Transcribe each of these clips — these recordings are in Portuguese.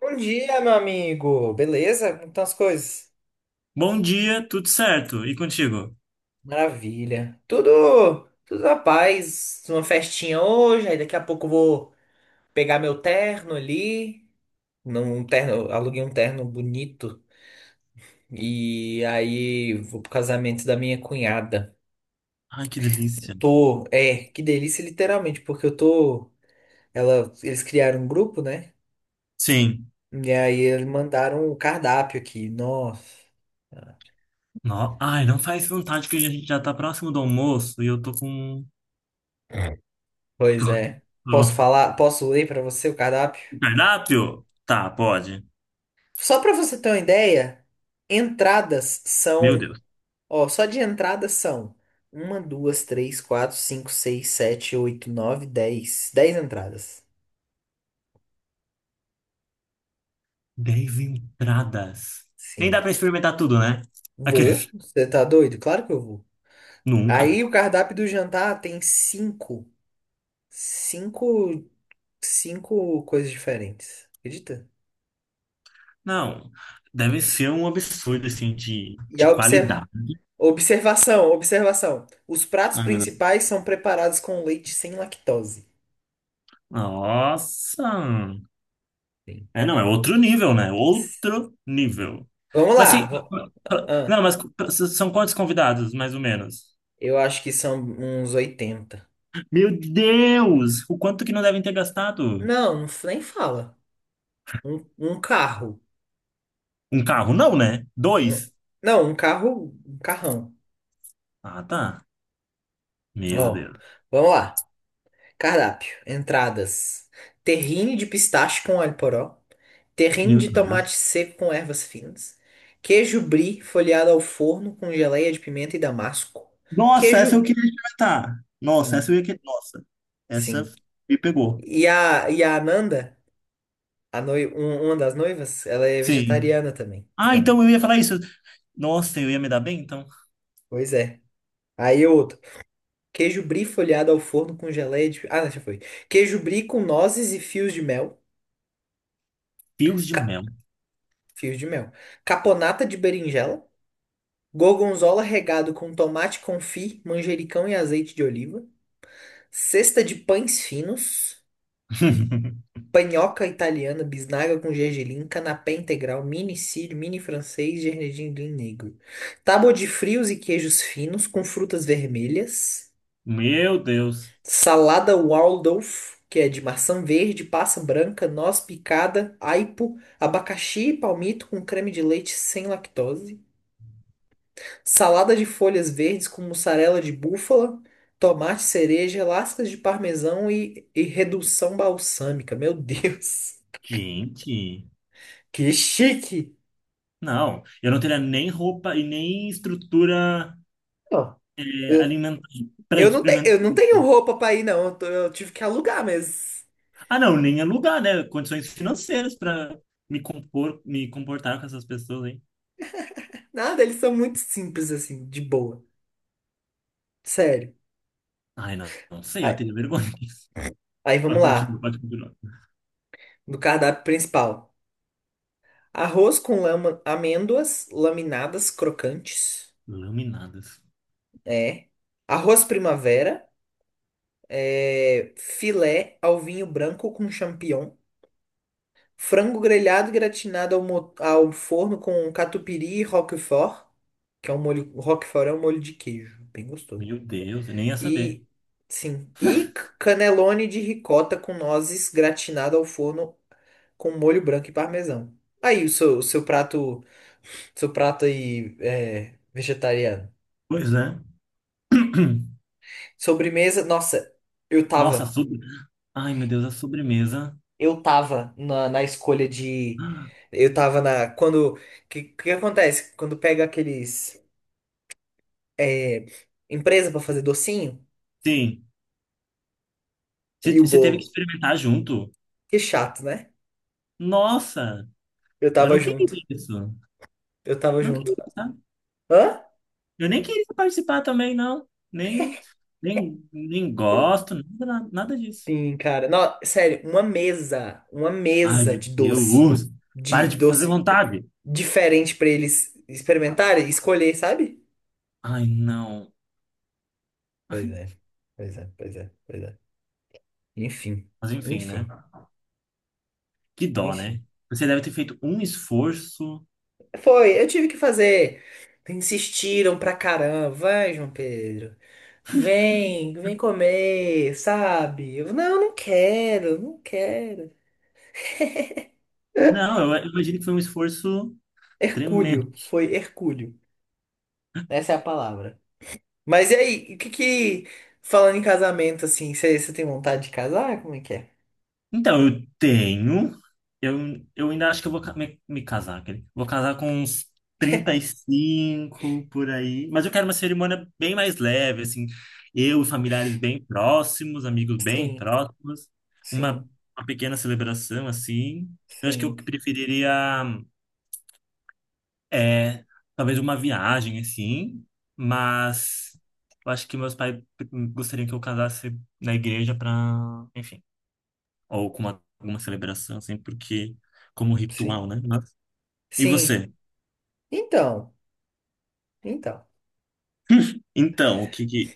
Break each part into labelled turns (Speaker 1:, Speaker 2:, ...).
Speaker 1: Bom dia, meu amigo. Beleza? Como estão as coisas?
Speaker 2: Bom dia, tudo certo? E contigo?
Speaker 1: Maravilha. Tudo na paz. Uma festinha hoje, aí daqui a pouco eu vou pegar meu terno ali. Num terno, aluguei um terno bonito. E aí vou pro casamento da minha cunhada.
Speaker 2: Ai, que delícia.
Speaker 1: Tô, é, que delícia, literalmente, porque eu tô. Ela, eles criaram um grupo, né?
Speaker 2: Sim.
Speaker 1: E aí eles mandaram o cardápio aqui. Nossa,
Speaker 2: No... Ai, não faz vontade que a gente já tá próximo do almoço e eu tô com.
Speaker 1: pois é. Posso
Speaker 2: Ó,
Speaker 1: falar? Posso ler pra você o cardápio?
Speaker 2: cardápio? Tá, pode.
Speaker 1: Só para você ter uma ideia, entradas
Speaker 2: Meu
Speaker 1: são,
Speaker 2: Deus.
Speaker 1: ó, só de entradas são uma, duas, três, quatro, cinco, seis, sete, oito, nove, 10 entradas.
Speaker 2: Dez entradas. Nem dá
Speaker 1: Sim.
Speaker 2: pra experimentar tudo, né? Aqueles.
Speaker 1: Vou? Você tá doido? Claro que eu vou.
Speaker 2: Nunca.
Speaker 1: Aí o cardápio do jantar tem cinco, cinco coisas diferentes. Acredita?
Speaker 2: Não. Deve ser um absurdo, assim, de,
Speaker 1: E
Speaker 2: de
Speaker 1: a obser-
Speaker 2: qualidade.
Speaker 1: observação, observação. Os pratos
Speaker 2: Ai, meu Deus.
Speaker 1: principais são preparados com leite sem lactose.
Speaker 2: Nossa!
Speaker 1: Sim.
Speaker 2: É, não, é outro nível, né? Outro nível.
Speaker 1: Vamos
Speaker 2: Vai ser.
Speaker 1: lá. Ah,
Speaker 2: Não, mas são quantos convidados, mais ou menos?
Speaker 1: eu acho que são uns 80.
Speaker 2: Meu Deus! O quanto que não devem ter gastado?
Speaker 1: Não, nem fala. Um carro.
Speaker 2: Um carro, não, né?
Speaker 1: Um-
Speaker 2: Dois?
Speaker 1: não, um carro, um carrão.
Speaker 2: Ah, tá. Meu
Speaker 1: Ó,
Speaker 2: Deus.
Speaker 1: vamos lá. Cardápio, entradas. Terrine de pistache com alho poró. Terrine
Speaker 2: Meu
Speaker 1: de tomate
Speaker 2: Deus.
Speaker 1: seco com ervas finas. Queijo brie folheado ao forno com geleia de pimenta e damasco.
Speaker 2: Nossa, essa eu
Speaker 1: Queijo...
Speaker 2: queria experimentar. Nossa, essa eu
Speaker 1: Sim,
Speaker 2: ia querer. Nossa, essa
Speaker 1: sim.
Speaker 2: me pegou.
Speaker 1: E a Ananda, a noiva, uma das noivas, ela é
Speaker 2: Sim.
Speaker 1: vegetariana também.
Speaker 2: Ah,
Speaker 1: Então,
Speaker 2: então eu ia falar isso. Nossa, eu ia me dar bem, então.
Speaker 1: pois é. Aí outro. Queijo brie folhado ao forno com geleia de... Ah, já foi. Queijo brie com nozes e fios de mel.
Speaker 2: Fios de
Speaker 1: Ca-
Speaker 2: mel.
Speaker 1: Fios de mel. Caponata de berinjela. Gorgonzola regado com tomate confit, manjericão e azeite de oliva. Cesta de pães finos. Panhoca italiana, bisnaga com gergelim, canapé integral, mini sírio, mini francês, gergelim negro. Tábua de frios e queijos finos com frutas vermelhas.
Speaker 2: Meu Deus.
Speaker 1: Salada Waldorf, que é de maçã verde, passa branca, noz picada, aipo, abacaxi e palmito com creme de leite sem lactose. Salada de folhas verdes com mussarela de búfala, tomate cereja, lascas de parmesão e redução balsâmica. Meu Deus,
Speaker 2: Gente.
Speaker 1: que chique!
Speaker 2: Não, eu não teria nem roupa e nem estrutura
Speaker 1: Ó, Eu
Speaker 2: alimentar para
Speaker 1: eu não, te,
Speaker 2: experimentar
Speaker 1: eu não
Speaker 2: isso.
Speaker 1: tenho roupa pra ir, não. Eu tive que alugar, mas
Speaker 2: Ah, não, nem alugar, né? Condições financeiras para me comportar com essas pessoas aí.
Speaker 1: nada, eles são muito simples assim, de boa. Sério.
Speaker 2: Ai, não, não sei, eu
Speaker 1: Aí,
Speaker 2: tenho vergonha disso.
Speaker 1: aí vamos
Speaker 2: Pode continuar,
Speaker 1: lá.
Speaker 2: pode continuar.
Speaker 1: Do cardápio principal. Arroz com amêndoas laminadas crocantes.
Speaker 2: Laminadas.
Speaker 1: É. Arroz primavera. É. Filé ao vinho branco com champignon. Frango grelhado gratinado ao forno com catupiry e roquefort. Que é um molho. Roquefort é um molho de queijo. Bem gostoso.
Speaker 2: Meu Deus, eu nem ia saber.
Speaker 1: E. Sim. E canelone de ricota com nozes gratinado ao forno com molho branco e parmesão. Aí o seu prato. Seu prato aí é vegetariano.
Speaker 2: Pois é.
Speaker 1: Sobremesa, nossa, eu
Speaker 2: Nossa, a
Speaker 1: tava.
Speaker 2: sobre... Ai, meu Deus, a sobremesa.
Speaker 1: Eu tava na escolha de.
Speaker 2: Ah,
Speaker 1: Eu tava na. Quando. O que, que acontece? Quando pega aqueles. É, empresa pra fazer docinho
Speaker 2: sim. Você
Speaker 1: e o
Speaker 2: você teve que
Speaker 1: bolo.
Speaker 2: experimentar junto?
Speaker 1: Que chato, né?
Speaker 2: Nossa,
Speaker 1: Eu
Speaker 2: eu
Speaker 1: tava
Speaker 2: não queria
Speaker 1: junto.
Speaker 2: isso.
Speaker 1: Eu tava
Speaker 2: Não
Speaker 1: junto.
Speaker 2: queria, sabe?
Speaker 1: Hã?
Speaker 2: Eu nem queria participar também, não. Nem gosto, nada, nada disso.
Speaker 1: Sim, cara. Não, sério, uma mesa. Uma
Speaker 2: Ai,
Speaker 1: mesa
Speaker 2: meu
Speaker 1: de doce.
Speaker 2: Deus! Para
Speaker 1: De
Speaker 2: de fazer
Speaker 1: doce
Speaker 2: vontade!
Speaker 1: diferente pra eles experimentarem e escolher, sabe?
Speaker 2: Ai, não.
Speaker 1: Pois é, pois é, pois é, pois é. Enfim,
Speaker 2: Mas enfim, né?
Speaker 1: enfim,
Speaker 2: Que dó, né?
Speaker 1: enfim.
Speaker 2: Você deve ter feito um esforço.
Speaker 1: Foi, eu tive que fazer. Insistiram pra caramba. Vai, João Pedro. Vem, vem comer, sabe? Eu, não, não quero, não quero.
Speaker 2: Não, eu imagino que foi um esforço tremendo.
Speaker 1: Hercúleo, foi Hercúleo. Essa é a palavra. Mas e aí, o que que, falando em casamento, assim, você tem vontade de casar? Como é que é?
Speaker 2: Então, eu tenho. Eu ainda acho que eu me casar, quer dizer, vou casar com uns 35 por aí. Mas eu quero uma cerimônia bem mais leve, assim. Eu e familiares bem próximos, amigos bem
Speaker 1: Sim,
Speaker 2: próximos.
Speaker 1: sim,
Speaker 2: Uma, uma pequena celebração, assim. Eu acho que eu
Speaker 1: sim,
Speaker 2: preferiria, é, talvez uma viagem, assim. Mas eu acho que meus pais gostariam que eu casasse na igreja para, ou com uma, alguma celebração, assim, porque como ritual,
Speaker 1: sim,
Speaker 2: né? Mas- E
Speaker 1: sim.
Speaker 2: você?
Speaker 1: Então, então.
Speaker 2: Então, o que que...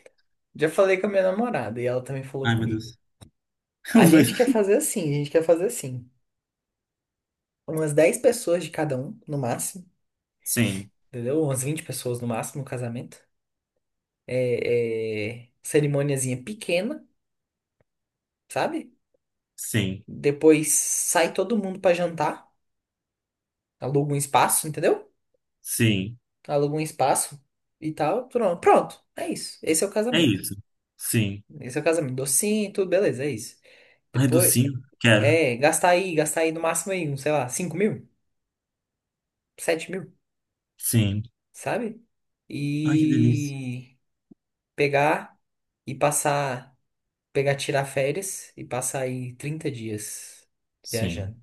Speaker 1: Já falei com a minha namorada e ela também falou
Speaker 2: Ai, meu
Speaker 1: comigo.
Speaker 2: Deus.
Speaker 1: A
Speaker 2: Os dois.
Speaker 1: gente quer fazer assim, a gente quer fazer assim. Umas 10 pessoas de cada um, no máximo,
Speaker 2: Sim,
Speaker 1: entendeu? Umas 20 pessoas no máximo no casamento. É, cerimôniazinha pequena, sabe?
Speaker 2: sim,
Speaker 1: Depois sai todo mundo pra jantar, aluga um espaço, entendeu?
Speaker 2: sim.
Speaker 1: Aluga um espaço e tal, pronto. Pronto, é isso. Esse é o
Speaker 2: É
Speaker 1: casamento.
Speaker 2: isso. Sim.
Speaker 1: Esse é o casamento. Docinho, tudo, beleza, é isso.
Speaker 2: Ai,
Speaker 1: Depois,
Speaker 2: docinho? Quero.
Speaker 1: é, gastar aí no máximo aí, um, sei lá, 5.000, 7.000.
Speaker 2: Sim.
Speaker 1: Sabe?
Speaker 2: Ai, que delícia.
Speaker 1: E pegar e passar, pegar, tirar férias e passar aí 30 dias
Speaker 2: Sim.
Speaker 1: viajando.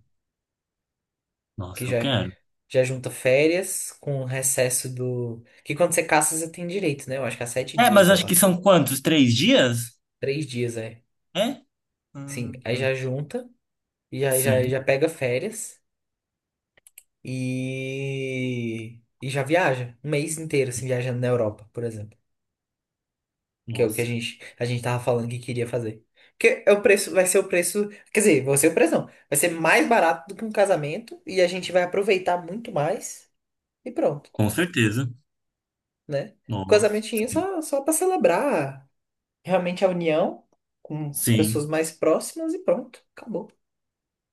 Speaker 1: Que
Speaker 2: Nossa, eu
Speaker 1: já,
Speaker 2: quero.
Speaker 1: já junta férias com o recesso do. Que quando você caça, você tem direito, né? Eu acho que há sete
Speaker 2: É,
Speaker 1: dias,
Speaker 2: mas
Speaker 1: sei
Speaker 2: acho que
Speaker 1: lá.
Speaker 2: são quantos? 3 dias?
Speaker 1: 3 dias, é.
Speaker 2: É?
Speaker 1: Sim,
Speaker 2: Hum,
Speaker 1: aí já junta, e já, já,
Speaker 2: sim.
Speaker 1: já pega férias e. E já viaja. Um mês inteiro, assim, viajando na Europa, por exemplo. Que é o que a
Speaker 2: Nossa.
Speaker 1: gente, a gente tava falando que queria fazer. Porque é o preço, vai ser o preço. Quer dizer, vai ser o preço não. Vai ser mais barato do que um casamento. E a gente vai aproveitar muito mais. E pronto,
Speaker 2: Com certeza.
Speaker 1: né?
Speaker 2: Nossa.
Speaker 1: Casamentinho é
Speaker 2: Sim.
Speaker 1: só para celebrar realmente a união com as pessoas
Speaker 2: Sim.
Speaker 1: mais próximas e pronto. Acabou.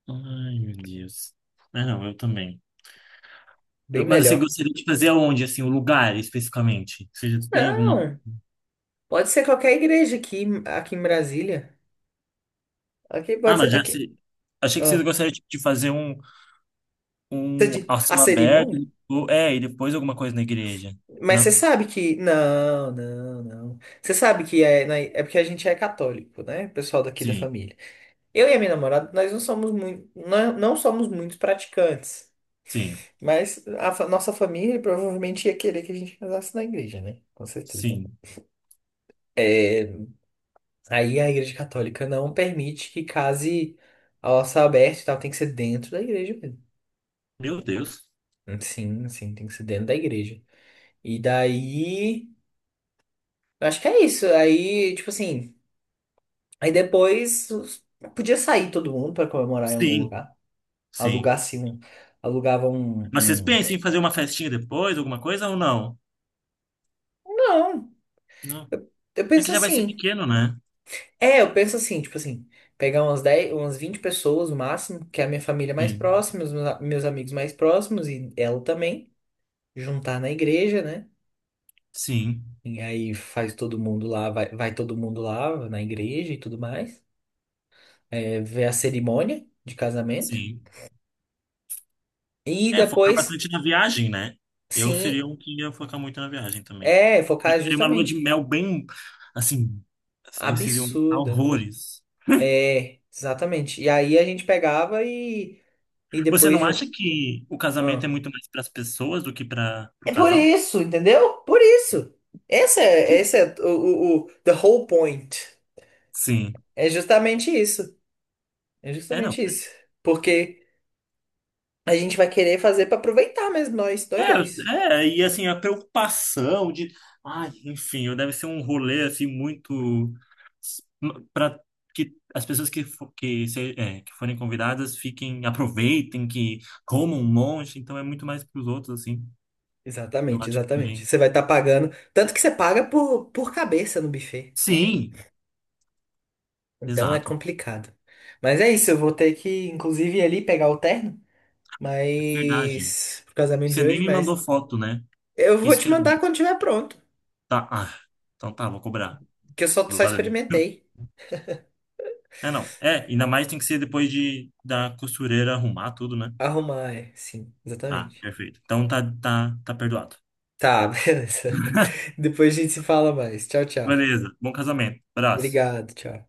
Speaker 2: Ai, meu Deus. É, não, eu também.
Speaker 1: Bem
Speaker 2: Eu- mas você
Speaker 1: melhor.
Speaker 2: gostaria de fazer aonde, assim, o lugar especificamente? Você já tem alguma.
Speaker 1: Não, pode ser qualquer igreja aqui, aqui em Brasília. Aqui
Speaker 2: Ah,
Speaker 1: pode
Speaker 2: mas
Speaker 1: ser.
Speaker 2: já
Speaker 1: Aqui.
Speaker 2: se... Achei que vocês
Speaker 1: Ó.
Speaker 2: gostariam tipo, de fazer um,
Speaker 1: Você
Speaker 2: um
Speaker 1: diz,
Speaker 2: ao
Speaker 1: a
Speaker 2: céu aberto,
Speaker 1: cerimônia?
Speaker 2: ou- é, e depois alguma coisa na igreja,
Speaker 1: Mas você
Speaker 2: não?
Speaker 1: sabe que. Não, não, não. Você sabe que é porque a gente é católico, né? O pessoal daqui da
Speaker 2: Sim,
Speaker 1: família. Eu e a minha namorada, nós não somos muito, não, não somos muito praticantes.
Speaker 2: sim,
Speaker 1: Mas nossa família provavelmente ia querer que a gente casasse na igreja, né? Com certeza.
Speaker 2: sim.
Speaker 1: É, aí a igreja católica não permite que case ao céu aberto e tal, tem que ser dentro da igreja mesmo.
Speaker 2: Meu Deus.
Speaker 1: Sim, sim, tem que ser dentro da igreja. E daí. Eu acho que é isso. Aí, tipo assim. Aí depois podia sair todo mundo para comemorar em algum
Speaker 2: Sim,
Speaker 1: lugar.
Speaker 2: sim.
Speaker 1: Alugar assim, alugava um,
Speaker 2: Mas vocês
Speaker 1: um-
Speaker 2: pensam em fazer uma festinha depois, alguma coisa ou não?
Speaker 1: Não,
Speaker 2: Não.
Speaker 1: eu
Speaker 2: É que
Speaker 1: penso
Speaker 2: já vai ser
Speaker 1: assim.
Speaker 2: pequeno, né?
Speaker 1: É, eu penso assim, tipo assim, pegar umas 10, umas 20 pessoas no máximo, que é a minha família mais
Speaker 2: Sim,
Speaker 1: próxima, os meus amigos mais próximos e ela também, juntar na igreja, né?
Speaker 2: sim,
Speaker 1: E aí faz todo mundo lá, vai todo mundo lá na igreja e tudo mais. É, ver a cerimônia de casamento.
Speaker 2: sim.
Speaker 1: E
Speaker 2: É, focar
Speaker 1: depois,
Speaker 2: bastante na viagem, né? Eu seria
Speaker 1: sim,
Speaker 2: um que ia focar muito na viagem também.
Speaker 1: é,
Speaker 2: Eu
Speaker 1: focar
Speaker 2: queria uma lua de
Speaker 1: justamente.
Speaker 2: mel bem, assim, aí vocês iam gostar
Speaker 1: Absurda.
Speaker 2: horrores.
Speaker 1: É, exatamente. E aí a gente pegava e
Speaker 2: Você
Speaker 1: depois
Speaker 2: não
Speaker 1: de
Speaker 2: acha
Speaker 1: um.
Speaker 2: que o casamento é
Speaker 1: Ah.
Speaker 2: muito mais para as pessoas do que para o
Speaker 1: É por
Speaker 2: casal?
Speaker 1: isso, entendeu? Por isso. Essa é o the whole point.
Speaker 2: Sim.
Speaker 1: É justamente isso. É
Speaker 2: É, não.
Speaker 1: justamente isso. Porque a gente vai querer fazer pra aproveitar mesmo nós, nós dois.
Speaker 2: É, e assim, a preocupação de, ai, enfim, eu deve ser um rolê assim muito para que as pessoas que que forem convidadas fiquem, aproveitem, que comam um monte, então é muito mais para os outros assim. Eu
Speaker 1: Exatamente,
Speaker 2: acho que
Speaker 1: exatamente.
Speaker 2: também.
Speaker 1: Você vai estar pagando. Tanto que você paga por cabeça no buffet. Então,
Speaker 2: Sim,
Speaker 1: então é
Speaker 2: exato.
Speaker 1: complicado. Mas é isso, eu vou ter que, inclusive, ir ali pegar o terno.
Speaker 2: É verdade.
Speaker 1: Mas. Pro casamento
Speaker 2: Você
Speaker 1: de
Speaker 2: nem
Speaker 1: hoje,
Speaker 2: me mandou
Speaker 1: mas.
Speaker 2: foto, né?
Speaker 1: Eu vou
Speaker 2: Isso que
Speaker 1: te
Speaker 2: é
Speaker 1: mandar
Speaker 2: lindo.
Speaker 1: quando tiver pronto.
Speaker 2: Tá, ah, então tá, vou cobrar.
Speaker 1: Que eu só, só
Speaker 2: Valeu.
Speaker 1: experimentei.
Speaker 2: É, não. É, ainda mais tem que ser depois de da costureira arrumar tudo, né?
Speaker 1: Arrumar, é. Sim,
Speaker 2: Ah,
Speaker 1: exatamente.
Speaker 2: perfeito. Então tá, tá, tá perdoado.
Speaker 1: Tá, beleza. Depois a gente se fala mais. Tchau, tchau.
Speaker 2: Beleza, bom casamento. Abraço.
Speaker 1: Obrigado, tchau.